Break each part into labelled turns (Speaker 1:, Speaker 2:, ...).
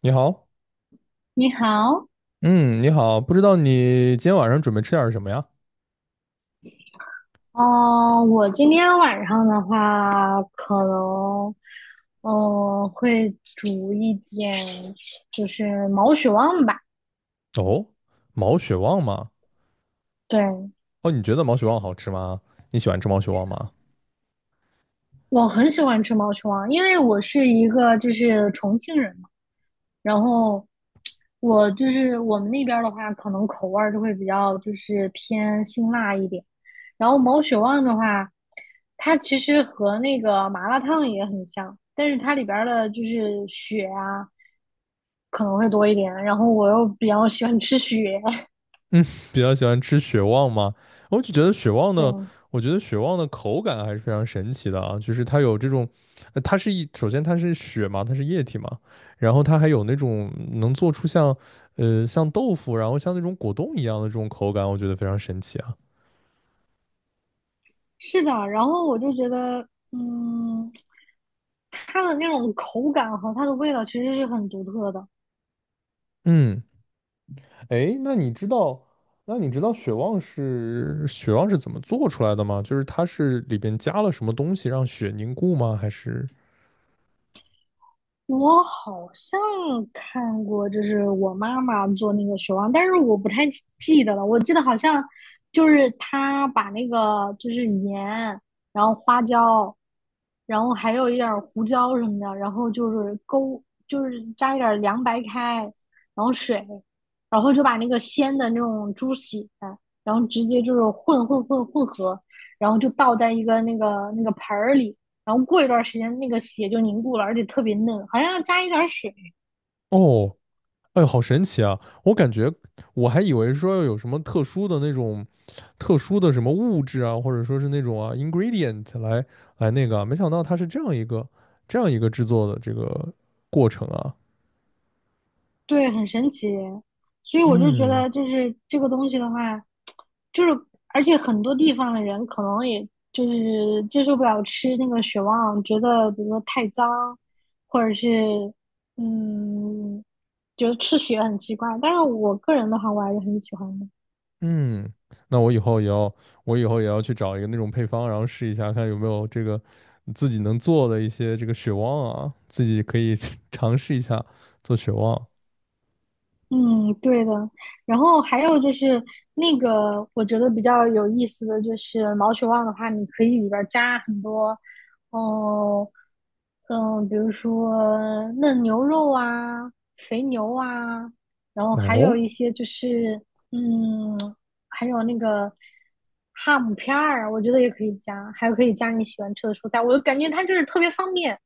Speaker 1: 你好，
Speaker 2: 你好。
Speaker 1: 嗯，你好，不知道你今天晚上准备吃点儿什么呀？
Speaker 2: 哦，我今天晚上的话，可能，会煮一点，就是毛血旺吧。
Speaker 1: 哦，毛血旺吗？
Speaker 2: 对，
Speaker 1: 哦，你觉得毛血旺好吃吗？你喜欢吃毛血旺吗？
Speaker 2: 我很喜欢吃毛血旺，因为我是一个就是重庆人嘛，然后我就是我们那边儿的话，可能口味儿就会比较就是偏辛辣一点。然后毛血旺的话，它其实和那个麻辣烫也很像，但是它里边儿的就是血啊。可能会多一点。然后我又比较喜欢吃雪，
Speaker 1: 比较喜欢吃血旺吗？我就觉得血旺
Speaker 2: 对，
Speaker 1: 的，我觉得血旺的口感还是非常神奇的啊，就是它有这种，它是一，首先它是血嘛，它是液体嘛，然后它还有那种能做出像，像豆腐，然后像那种果冻一样的这种口感，我觉得非常神奇啊。
Speaker 2: 是的。然后我就觉得，嗯，它的那种口感和它的味道其实是很独特的。
Speaker 1: 嗯。哎，那你知道雪旺是怎么做出来的吗？就是它是里边加了什么东西让雪凝固吗？还是？
Speaker 2: 我好像看过，就是我妈妈做那个雪忘，但是我不太记得了。我记得好像就是她把那个就是盐，然后花椒，然后还有一点儿胡椒什么的，然后就是勾，就是加一点儿凉白开，然后水，然后就把那个鲜的那种猪血，然后直接就是混合，然后就倒在一个那个盆儿里。然后过一段时间那个血就凝固了，而且特别嫩，好像要加一点水。
Speaker 1: 哦，哎呦，好神奇啊！我感觉我还以为说要有什么特殊的那种特殊的什么物质啊，或者说是那种啊 ingredient 来那个啊没想到它是这样一个制作的这个过程啊。
Speaker 2: 对，很神奇。所以我就觉
Speaker 1: 嗯，
Speaker 2: 得，就是这个东西的话，就是而且很多地方的人可能也就是接受不了吃那个血旺，觉得比如说太脏，或者是，嗯，觉得吃血很奇怪。但是我个人的话，我还是很喜欢的。
Speaker 1: 嗯，那我以后也要，我以后也要去找一个那种配方，然后试一下，看有没有这个自己能做的一些这个血旺啊，自己可以 尝试一下做血旺。
Speaker 2: 嗯，对的。然后还有就是那个，我觉得比较有意思的就是毛血旺的话，你可以里边儿加很多，哦、嗯，比如说嫩牛肉啊、肥牛啊，然后还有一
Speaker 1: 哦
Speaker 2: 些就是，嗯，还有那个哈姆片儿，我觉得也可以加，还有可以加你喜欢吃的蔬菜，我就感觉它就是特别方便。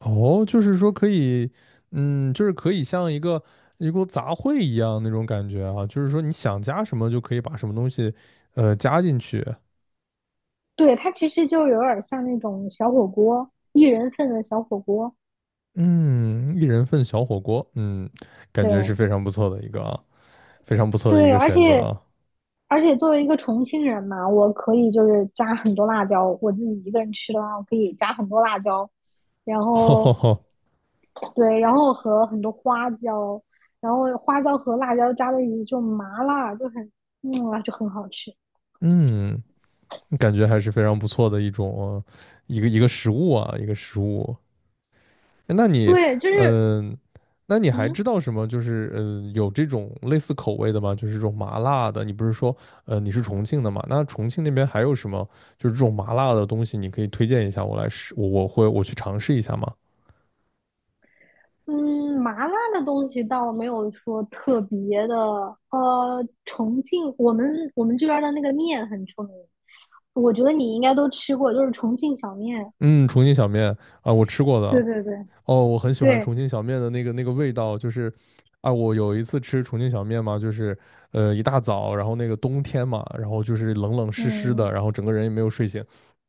Speaker 1: 哦，就是说可以，嗯，就是可以像一个一锅杂烩一样那种感觉啊，就是说你想加什么就可以把什么东西，加进去。
Speaker 2: 对，它其实就有点儿像那种小火锅，一人份的小火锅。
Speaker 1: 嗯，一人份小火锅，嗯，感觉是
Speaker 2: 对，
Speaker 1: 非常不错的一个啊，非常不错的一
Speaker 2: 对，
Speaker 1: 个
Speaker 2: 而
Speaker 1: 选择
Speaker 2: 且
Speaker 1: 啊。
Speaker 2: 作为一个重庆人嘛，我可以就是加很多辣椒。我自己一个人吃的话，我可以加很多辣椒，然
Speaker 1: 吼吼
Speaker 2: 后
Speaker 1: 吼，
Speaker 2: 对，然后和很多花椒，然后花椒和辣椒加在一起就麻辣，就很就很好吃。
Speaker 1: 嗯。感觉还是非常不错的一种一个食物啊，一个食物。那你，
Speaker 2: 对，就是，
Speaker 1: 嗯、那你还知
Speaker 2: 嗯
Speaker 1: 道什么？就是有这种类似口味的吗？就是这种麻辣的。你不是说，你是重庆的嘛？那重庆那边还有什么？就是这种麻辣的东西，你可以推荐一下我来试，我去尝试一下吗？
Speaker 2: 嗯，麻辣的东西倒没有说特别的。重庆我们这边儿的那个面很出名，我觉得你应该都吃过，就是重庆小面。
Speaker 1: 嗯，重庆小面啊，我吃过
Speaker 2: 对
Speaker 1: 的，
Speaker 2: 对对
Speaker 1: 哦，我很喜欢
Speaker 2: 对，
Speaker 1: 重庆小面的那个味道，就是啊，我有一次吃重庆小面嘛，就是一大早，然后那个冬天嘛，然后就是冷冷湿湿的，
Speaker 2: 嗯，
Speaker 1: 然后整个人也没有睡醒，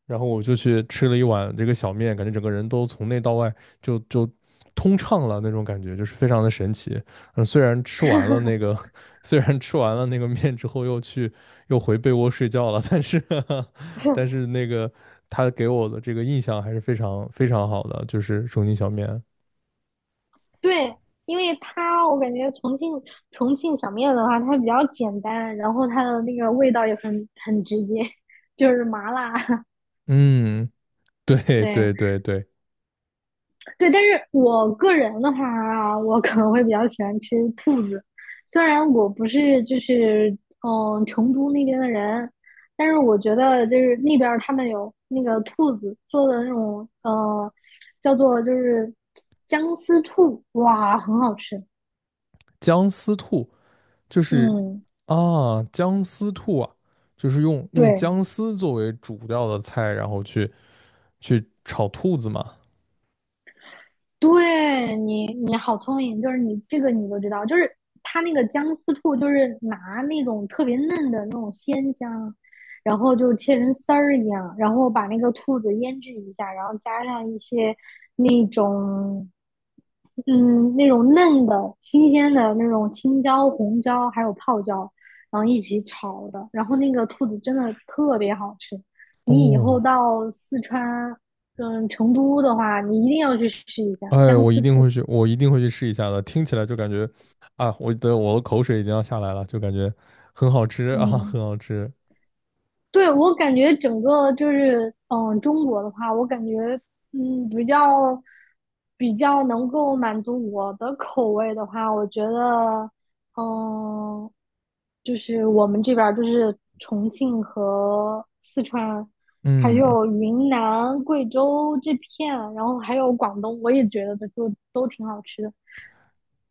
Speaker 1: 然后我就去吃了一碗这个小面，感觉整个人都从内到外就通畅了那种感觉，就是非常的神奇。嗯，虽然吃完了那个，虽然吃完了那个面之后又回被窝睡觉了，但是 但是那个他给我的这个印象还是非常非常好的，就是重庆小面。
Speaker 2: 对，因为它我感觉重庆小面的话，它比较简单，然后它的那个味道也很直接，就是麻辣。
Speaker 1: 嗯，对
Speaker 2: 对，
Speaker 1: 对对对，
Speaker 2: 对，但是我个人的话啊我可能会比较喜欢吃兔子，虽然我不是就是，嗯，成都那边的人，但是我觉得就是那边儿他们有那个兔子做的那种叫做就是姜丝兔，哇，很好吃。
Speaker 1: 姜丝兔就是
Speaker 2: 嗯，
Speaker 1: 啊，姜丝兔啊，就是用
Speaker 2: 对，
Speaker 1: 姜丝作为主料的菜，然后去炒兔子嘛。
Speaker 2: 对你，你好聪明，就是你这个你都知道，就是他那个姜丝兔，就是拿那种特别嫩的那种鲜姜，然后就切成丝儿一样，然后把那个兔子腌制一下，然后加上一些那种，嗯，那种嫩的、新鲜的那种青椒、红椒，还有泡椒，然后一起炒的。然后那个兔子真的特别好吃。你以后
Speaker 1: 哦，
Speaker 2: 到四川，嗯，成都的话，你一定要去试一下
Speaker 1: 哎，
Speaker 2: 姜
Speaker 1: 我一
Speaker 2: 丝
Speaker 1: 定
Speaker 2: 兔。
Speaker 1: 会去，我一定会去试一下的。听起来就感觉啊，我的口水已经要下来了，就感觉很好吃啊，
Speaker 2: 嗯，
Speaker 1: 很好吃。
Speaker 2: 对，我感觉整个就是，嗯，中国的话，我感觉，嗯，比较能够满足我的口味的话，我觉得，嗯，就是我们这边儿就是重庆和四川，还
Speaker 1: 嗯，
Speaker 2: 有云南、贵州这片，然后还有广东，我也觉得都挺好吃的。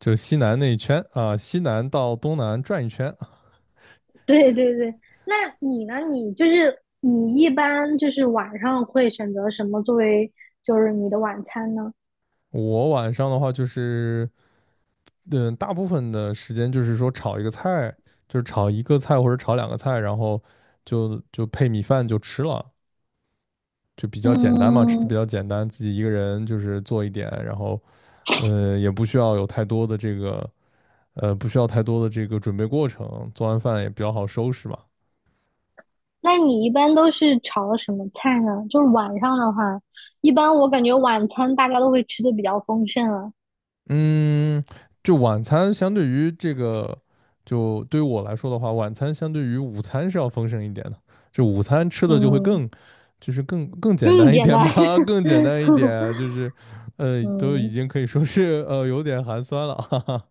Speaker 1: 就西南那一圈啊，西南到东南转一圈。啊
Speaker 2: 对对对，那你呢？你就是你一般就是晚上会选择什么作为就是你的晚餐呢？
Speaker 1: 我晚上的话就是。嗯，大部分的时间就是说炒一个菜，就是炒一个菜或者炒两个菜，然后就配米饭就吃了，就比较简单嘛，吃的比
Speaker 2: 嗯，
Speaker 1: 较简单，自己一个人就是做一点，然后也不需要有太多的这个不需要太多的这个准备过程，做完饭也比较好收拾嘛。
Speaker 2: 那你一般都是炒什么菜呢？就是晚上的话，一般我感觉晚餐大家都会吃的比较丰盛了。
Speaker 1: 嗯，就晚餐相对于对于我来说的话，晚餐相对于午餐是要丰盛一点的。就午餐吃的就会
Speaker 2: 嗯，
Speaker 1: 更，就是更更简
Speaker 2: 更
Speaker 1: 单一
Speaker 2: 简
Speaker 1: 点
Speaker 2: 单。
Speaker 1: 嘛，更简单一点，都已
Speaker 2: 嗯，
Speaker 1: 经可以说是有点寒酸了，哈哈，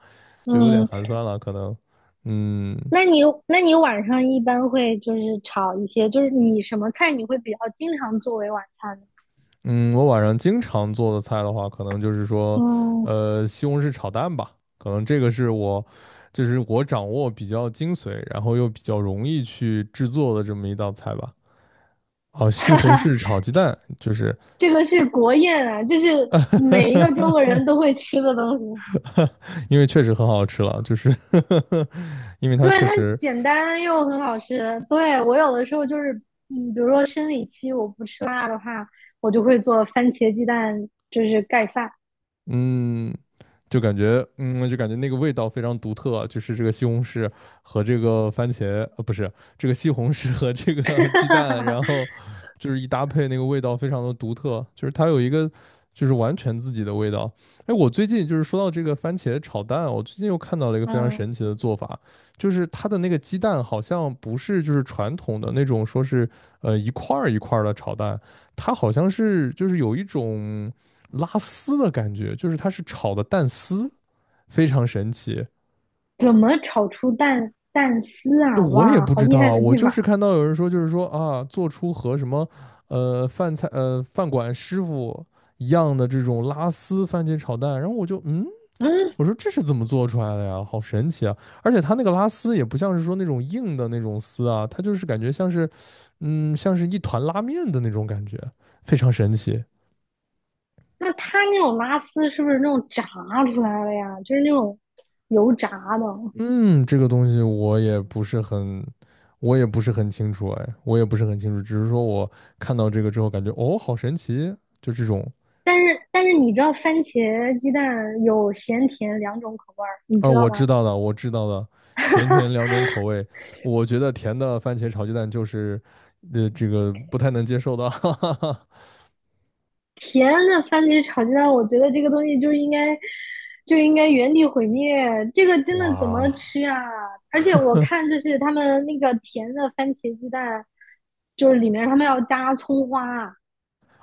Speaker 1: 就有点
Speaker 2: 嗯，
Speaker 1: 寒酸了，可能，嗯，
Speaker 2: 那你晚上一般会就是炒一些，就是你什么菜你会比较经常作为晚餐呢？
Speaker 1: 嗯，我晚上经常做的菜的话，可能就是说，
Speaker 2: 嗯。
Speaker 1: 西红柿炒蛋吧，可能这个是我，就是我掌握比较精髓，然后又比较容易去制作的这么一道菜吧。哦，西红 柿炒鸡蛋，就是
Speaker 2: 这个是国宴啊，这是每一个中国人都 会吃的东西。
Speaker 1: 因为确实很好吃了，就是 因为它
Speaker 2: 对，
Speaker 1: 确
Speaker 2: 它
Speaker 1: 实
Speaker 2: 简单又很好吃。对，我有的时候就是，嗯，比如说生理期我不吃辣的话，我就会做番茄鸡蛋，就是盖饭。
Speaker 1: 嗯，就感觉那个味道非常独特啊，就是这个西红柿和这个番茄，呃，不是，这个西红柿和这个 鸡蛋，然 后就是一搭配，那个味道非常的独特，就是它有一个就是完全自己的味道。哎，我最近就是说到这个番茄炒蛋，我最近又看到了一个非常
Speaker 2: 嗯，
Speaker 1: 神奇的做法，就是它的那个鸡蛋好像不是就是传统的那种说是一块儿一块儿的炒蛋，它好像是就是有一种拉丝的感觉，就是它是炒的蛋丝，非常神奇。
Speaker 2: 怎么炒出蛋丝啊？
Speaker 1: 我也
Speaker 2: 哇，
Speaker 1: 不
Speaker 2: 好
Speaker 1: 知
Speaker 2: 厉害
Speaker 1: 道，
Speaker 2: 的
Speaker 1: 我
Speaker 2: 技
Speaker 1: 就是
Speaker 2: 法！
Speaker 1: 看到有人说，就是说啊，做出和什么饭馆师傅一样的这种拉丝番茄炒蛋，然后我就
Speaker 2: 嗯，
Speaker 1: 我说这是怎么做出来的呀？好神奇啊！而且它那个拉丝也不像是说那种硬的那种丝啊，它就是感觉像是像是一团拉面的那种感觉，非常神奇。
Speaker 2: 那它那种拉丝是不是那种炸出来的呀？就是那种油炸的。
Speaker 1: 嗯，这个东西我也不是很，我也不是很清楚，哎，我也不是很清楚，只是说我看到这个之后感觉，哦，好神奇，就这种，
Speaker 2: 但是你知道番茄鸡蛋有咸甜两种口味儿，你
Speaker 1: 啊，
Speaker 2: 知道
Speaker 1: 我知
Speaker 2: 吗？
Speaker 1: 道的，我知道的，咸甜两 种口味，我觉得甜的番茄炒鸡蛋就是，这个不太能接受的，哈哈哈，
Speaker 2: 甜的番茄炒鸡蛋，我觉得这个东西就是就应该原地毁灭，这个真的怎么
Speaker 1: 哇
Speaker 2: 吃啊？而且我看就是他们那个甜的番茄鸡蛋，就是里面他们要加葱花，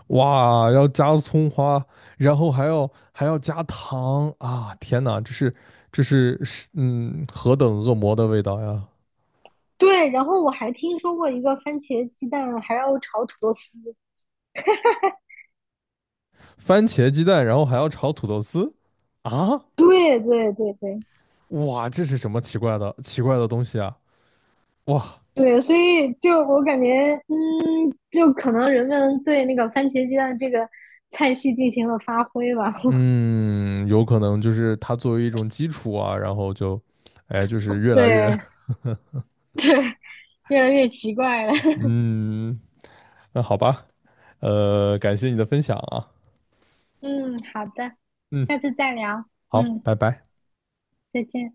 Speaker 1: 哇，要加葱花，然后还要加糖啊，天哪，这是何等恶魔的味道呀！
Speaker 2: 对，然后我还听说过一个番茄鸡蛋还要炒土豆丝，
Speaker 1: 番茄鸡蛋，然后还要炒土豆丝啊！
Speaker 2: 对对对对
Speaker 1: 哇，这是什么奇怪的东西啊！哇，
Speaker 2: 对，所以就我感觉，嗯，就可能人们对那个番茄鸡蛋这个菜系进行了发挥吧。
Speaker 1: 嗯，有可能就是它作为一种基础啊，然后就，哎，就是越来越，
Speaker 2: 对，越来越奇怪了。
Speaker 1: 嗯，那好吧，感谢你的分享啊，
Speaker 2: 嗯，好的，
Speaker 1: 嗯，
Speaker 2: 下次再聊。
Speaker 1: 好，
Speaker 2: 嗯，
Speaker 1: 拜拜。
Speaker 2: 再见。